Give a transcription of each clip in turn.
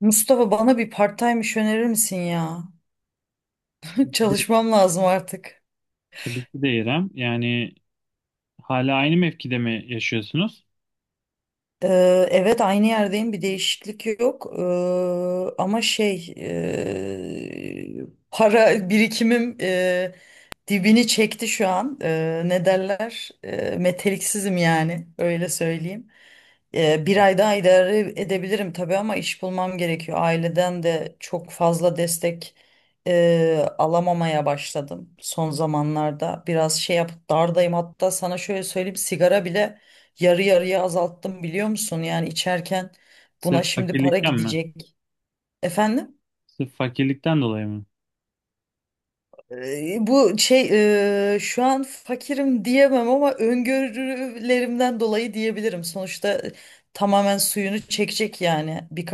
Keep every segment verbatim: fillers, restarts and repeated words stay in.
Mustafa bana bir part-time iş önerir misin ya? Tabii ki de, Çalışmam lazım artık. tabii ki de İrem. Yani hala aynı mevkide mi yaşıyorsunuz? Ee, evet aynı yerdeyim, bir değişiklik yok. Ee, ama şey ee, Para birikimim ee, dibini çekti şu an. Ee, ne derler? Ee, meteliksizim yani, öyle söyleyeyim. Ee, bir ay daha idare edebilirim tabii, ama iş bulmam gerekiyor. Aileden de çok fazla destek e, alamamaya başladım son zamanlarda. Biraz şey yap dardayım, hatta sana şöyle söyleyeyim, sigara bile yarı yarıya azalttım, biliyor musun? Yani içerken buna Sırf şimdi para fakirlikten mi? gidecek. Efendim? Sırf fakirlikten dolayı mı? Ee, Bu şey eee, şu an fakirim diyemem, ama öngörülerimden dolayı diyebilirim. Sonuçta e, tamamen suyunu çekecek yani. Bir,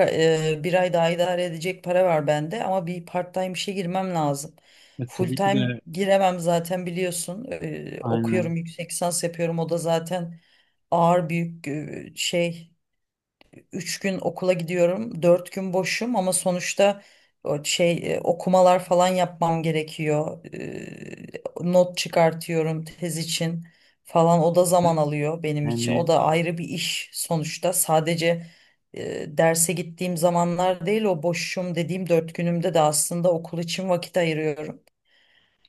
Bir ay daha idare edecek para var bende, ama bir part-time işe girmem lazım. E, Full tabii ki time de, giremem zaten, biliyorsun. Ee, aynen. Okuyorum, yüksek lisans yapıyorum, o da zaten ağır, büyük e, şey üç gün okula gidiyorum, dört gün boşum, ama sonuçta o şey e, okumalar falan yapmam gerekiyor. E, not çıkartıyorum tez için falan, o da zaman alıyor benim için. O Yani da ayrı bir iş sonuçta. Sadece e, derse gittiğim zamanlar değil, o boşum dediğim dört günümde de aslında okul için vakit ayırıyorum.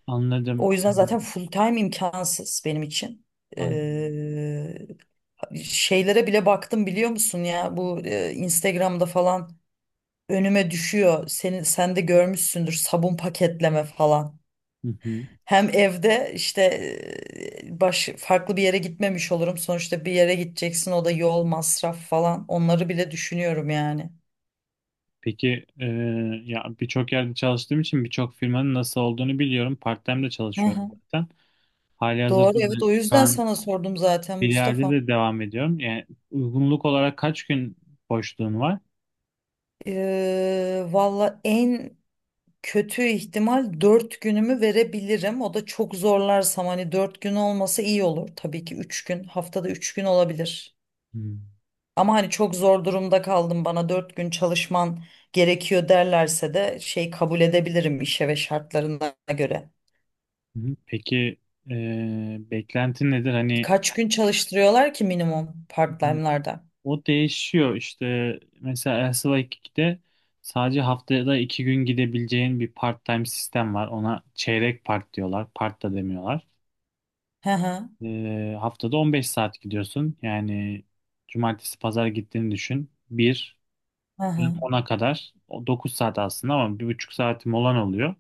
anladım. O yüzden zaten E, full time imkansız benim için. anladım. Şeylere bile baktım, biliyor musun ya, bu e, Instagram'da falan önüme düşüyor. Senin sen de görmüşsündür, sabun paketleme falan. Hı hı. Hem evde işte e, baş farklı bir yere gitmemiş olurum. Sonuçta bir yere gideceksin, o da yol masraf falan. Onları bile düşünüyorum yani. Peki, e, ya birçok yerde çalıştığım için birçok firmanın nasıl olduğunu biliyorum. Part-time de Hı çalışıyorum hı. zaten. Doğru, Halihazırda da evet, o şu yüzden an sana sordum zaten bir yerde Mustafa. de devam ediyorum. Yani, uygunluk olarak kaç gün boşluğun var? Ee, valla en kötü ihtimal dört günümü verebilirim. O da çok zorlarsam, hani dört gün olması iyi olur. Tabii ki üç gün, haftada üç gün olabilir. Hı. Ama hani çok zor durumda kaldım, bana dört gün çalışman gerekiyor derlerse de şey, kabul edebilirim işe ve şartlarına göre. Hı hı. Peki, eee beklentin nedir? Hani Kaç gün çalıştırıyorlar ki minimum part-time'larda? o değişiyor işte, mesela Elsa ikide sadece haftada iki gün gidebileceğin bir part-time sistem var. Ona çeyrek part diyorlar. Part da demiyorlar. Hı hı, Eee, haftada on beş saat gidiyorsun. Yani cumartesi pazar gittiğini düşün. Bir hı hı, ona kadar, o dokuz saat aslında ama bir buçuk saat molan oluyor.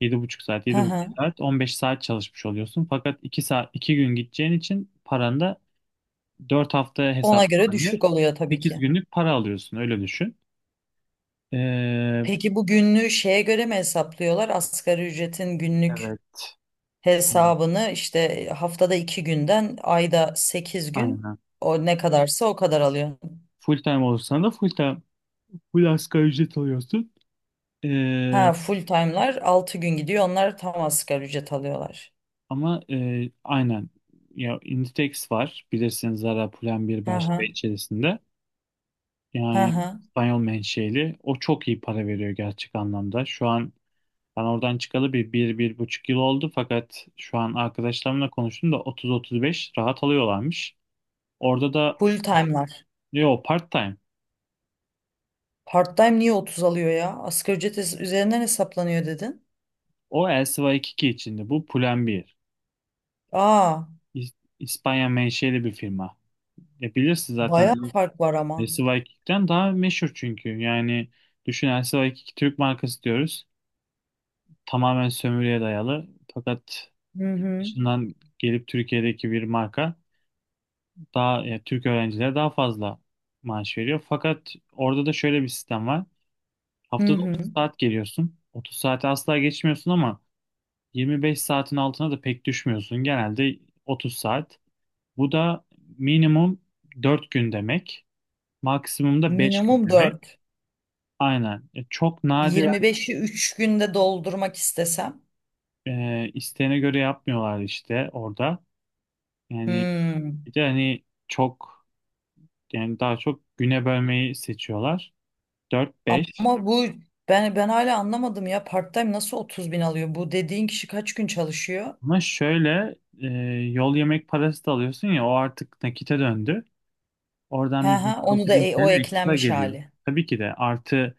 Yedi buçuk saat, hı yedi buçuk hı. saat, on beş saat çalışmış oluyorsun. Fakat iki saat, iki gün gideceğin için paran da dört haftaya Ona göre hesaplanıyor. düşük oluyor tabii sekiz ki. günlük para alıyorsun, öyle düşün. Ee, Peki bu günlüğü şeye göre mi hesaplıyorlar? Asgari ücretin günlük evet. Evet, hesabını işte, haftada iki günden ayda sekiz gün, aynen. o ne kadarsa o kadar alıyor. Full time olursan da full time, full asgari ücret alıyorsun. Ha, Ee, full time'lar altı gün gidiyor. Onlar tam asgari ücret alıyorlar. ama e, aynen. Ya Inditex var. Bilirsiniz, Zara, Pull&Bear, Hı Bershka hı. içerisinde. Hı Yani hı. İspanyol menşeli. O çok iyi para veriyor gerçek anlamda. Şu an ben oradan çıkalı bir, bir, bir buçuk yıl oldu. Fakat şu an arkadaşlarımla konuştum da otuz otuz beş rahat alıyorlarmış. Orada da. Full time'lar. Yo, part-time. Part time niye otuz alıyor ya? Asgari ücret es- üzerinden hesaplanıyor dedin. O El Sıva yirmi iki içinde. Bu Pull&Bear. Aa, İs- İspanya menşeli bir firma. E bilirsin zaten, bayağı fark var El ama. Sıva yirmi ikiden daha meşhur çünkü. Yani düşün, El Sıva yirmi iki Türk markası diyoruz. Tamamen sömürüye dayalı. Fakat Hı hı. dışından gelip Türkiye'deki bir marka daha ya Türk öğrencilere daha fazla maaş veriyor. Fakat orada da şöyle bir sistem var. Hı Haftada hı. otuz saat geliyorsun. otuz saati asla geçmiyorsun ama yirmi beş saatin altına da pek düşmüyorsun. Genelde otuz saat. Bu da minimum dört gün demek. Maksimum da beş gün Minimum demek. dört. Aynen. E, Çok nadiren, yirmi beşi üç günde doldurmak istesem. e, isteğine göre yapmıyorlar işte orada. Yani Hmm. bir de, hani, çok yani daha çok güne bölmeyi seçiyorlar. dört beş. Ama bu ben ben hala anlamadım ya, part-time nasıl otuz bin alıyor? Bu dediğin kişi kaç gün çalışıyor? Ama şöyle, e, yol yemek parası da alıyorsun ya, o artık nakite döndü. Oradan Ha bir ha, onu beş altı da bin e- o T L ekstra eklenmiş geliyor. hali. Tabii ki de, artı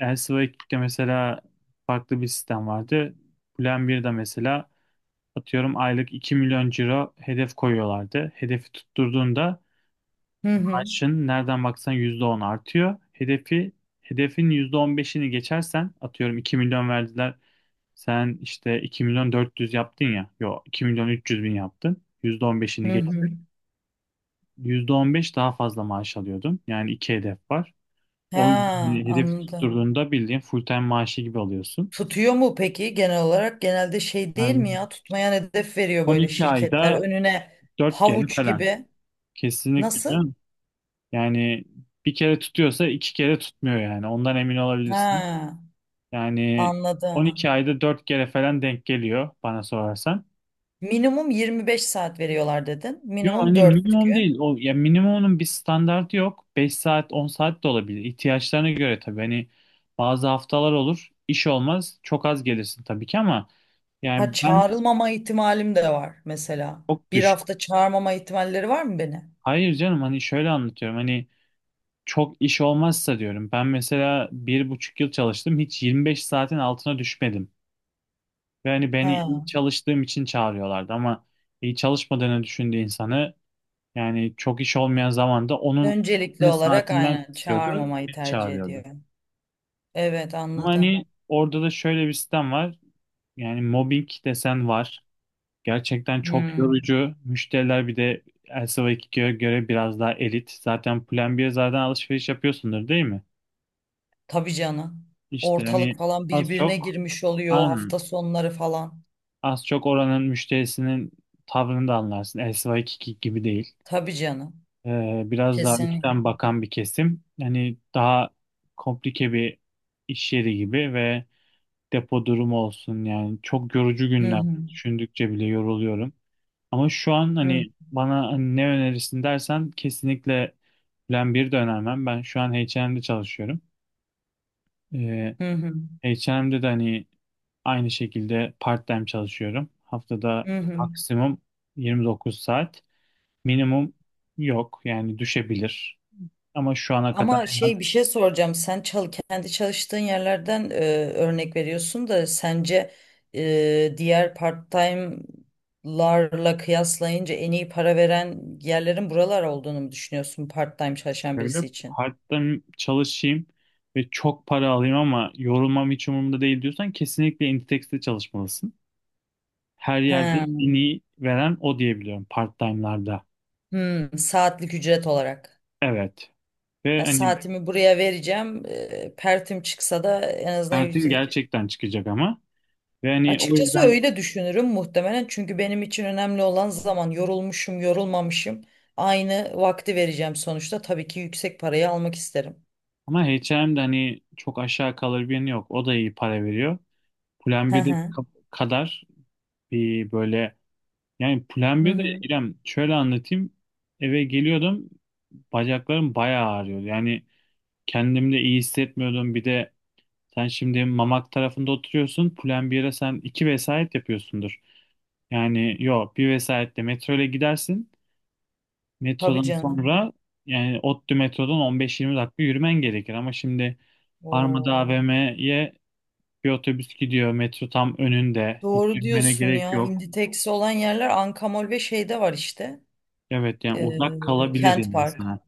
Elsevier ikide mesela farklı bir sistem vardı. Plan birde mesela, atıyorum, aylık iki milyon ciro hedef koyuyorlardı. Hedefi tutturduğunda Hı hı. maaşın nereden baksan yüzde on artıyor. Hedefi hedefin yüzde on beşini geçersen, atıyorum iki milyon verdiler. Sen işte iki milyon dört yüz yaptın ya. Yok, iki milyon üç yüz bin yaptın. Hı yüzde on beşini geçtin. hı. Yüzde on beş daha fazla maaş alıyordun. Yani iki hedef var. O Ha, yüzden hedefi anladım. tutturduğunda bildiğin full time maaşı gibi alıyorsun. Tutuyor mu peki genel olarak? Genelde şey değil mi ya, tutmayan hedef veriyor böyle on iki şirketler ayda önüne, dört kere havuç falan. gibi. Kesinlikle Nasıl? canım. Yani bir kere tutuyorsa iki kere tutmuyor yani. Ondan emin olabilirsin. Ha, Yani anladım. on iki ayda dört kere falan denk geliyor bana sorarsan. Minimum yirmi beş saat veriyorlar dedin. Yok, Minimum hani dört minimum değil. gün. O, ya, minimumun bir standartı yok. Beş saat, on saat de olabilir. İhtiyaçlarına göre tabii. Hani bazı haftalar olur, iş olmaz. Çok az gelirsin tabii ki, ama Ha, yani ben çağrılmama ihtimalim de var mesela. çok Bir düşük. hafta çağırmama ihtimalleri var mı beni? Hayır canım, hani şöyle anlatıyorum. Hani çok iş olmazsa diyorum. Ben mesela bir buçuk yıl çalıştım. Hiç yirmi beş saatin altına düşmedim. Ve hani beni iyi He. çalıştığım için çağırıyorlardı, ama iyi çalışmadığını düşündüğü insanı, yani çok iş olmayan zamanda onun Öncelikli ne olarak saatinden aynen kısıyordu, çağırmamayı beni tercih çağırıyordu. ediyorum. Evet, Ama hani anladım. orada da şöyle bir sistem var. Yani mobbing desen var. Gerçekten çok Hmm. yorucu. Müşteriler bir de Elsevier ikiye göre biraz daha elit. Zaten Plan B'ye zaten alışveriş yapıyorsundur değil mi? Tabii canım. İşte Ortalık hani, falan az birbirine çok, girmiş oluyor aynen. hafta sonları falan. Az çok oranın müşterisinin tavrını da anlarsın. Elsivaki gibi değil. Tabii canım. Ee, biraz daha Kesinlikle. üstten bakan bir kesim. Hani daha komplike bir iş yeri gibi, ve depo durumu olsun, yani çok yorucu Hı günler. hı. Düşündükçe bile yoruluyorum. Ama şu an Hı hı. hani bana hani ne önerirsin dersen, kesinlikle Plan bir de önermem. Ben şu an H ve M'de çalışıyorum. Ee, Hı hı. H ve M'de de hani aynı şekilde part-time çalışıyorum. Haftada Hı hı. maksimum yirmi dokuz saat. Minimum yok, yani düşebilir. Ama şu ana kadar Ama en şey, az, bir şey soracağım. Sen çal kendi çalıştığın yerlerden e, örnek veriyorsun da, sence e, diğer part-time'larla kıyaslayınca en iyi para veren yerlerin buralar olduğunu mu düşünüyorsun part-time çalışan şöyle birisi için? part-time çalışayım ve çok para alayım ama yorulmam hiç umurumda değil diyorsan, kesinlikle Inditex'te çalışmalısın. Her yerde He. en iyi veren o diyebiliyorum part-time'larda. Hmm, saatlik ücret olarak. Evet. Ve Ya, hani saatimi buraya vereceğim. E, pertim çıksa da en azından. sertin gerçekten çıkacak ama. Ve hani o Açıkçası yüzden, öyle düşünürüm muhtemelen, çünkü benim için önemli olan zaman, yorulmuşum yorulmamışım aynı vakti vereceğim sonuçta, tabii ki yüksek parayı almak isterim. ama H ve M'de hani çok aşağı kalır bir yanı yok. O da iyi para veriyor. Plan Hı birde hı. ka- kadar bir böyle, yani Plan Hı birde hı. İrem, şöyle anlatayım. Eve geliyordum, bacaklarım bayağı ağrıyordu. Yani kendimde iyi hissetmiyordum. Bir de sen şimdi Mamak tarafında oturuyorsun. Plan bire sen iki vesayet yapıyorsundur. Yani yok, bir vesayetle metro ile gidersin. Tabii Metrodan canım. sonra, yani ODTÜ metrodan on beş yirmi dakika yürümen gerekir. Ama şimdi Armada Oo. A V M'ye bir otobüs gidiyor. Metro tam önünde. Hiç Doğru yürümene diyorsun gerek ya, yok. Inditex olan yerler Ankamol ve şeyde var işte, Evet, yani uzak ee, kalabilir Kent yani Park. sana.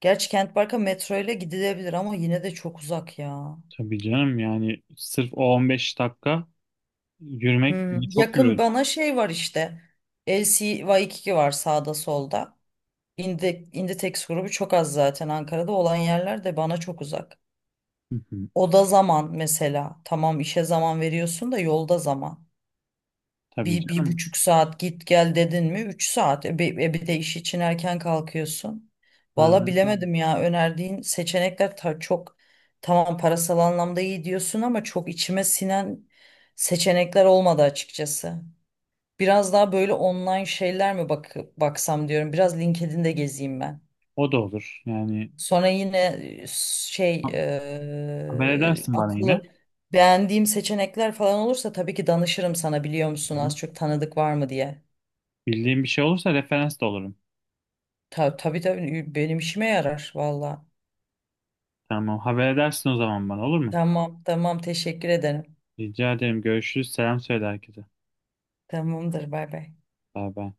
Gerçi Kent Park'a metro ile gidilebilir ama yine de çok uzak ya. Tabii canım, yani sırf o on beş dakika yürümek Hı. beni çok Yakın yürüdü. bana şey var işte, L C Y iki var sağda solda. İndi, İnditex grubu çok az zaten, Ankara'da olan yerler de bana çok uzak. Hı hı. Oda zaman mesela. Tamam işe zaman veriyorsun da yolda zaman. Tabii Bir, bir canım. buçuk saat git gel dedin mi? Üç saat. E, bir, e, bir de iş için erken kalkıyorsun. Valla Yani bilemedim ya, önerdiğin seçenekler ta- çok, tamam parasal anlamda iyi diyorsun ama çok içime sinen seçenekler olmadı açıkçası. Biraz daha böyle online şeyler mi bak baksam diyorum. Biraz LinkedIn'de gezeyim ben. o da olur. Yani Sonra yine e, şey ha- haber e, edersin bana yine. akıllı beğendiğim seçenekler falan olursa tabii ki danışırım sana, biliyor musun, Hı hı. az çok tanıdık var mı diye. Bildiğin bir şey olursa referans da olurum. Ta, tabii tabii, benim işime yarar valla. Tamam, haber edersin o zaman bana, olur mu? Tamam tamam, teşekkür ederim. Rica ederim, görüşürüz. Selam söyle herkese. Tamamdır, bay bay. Bay bay.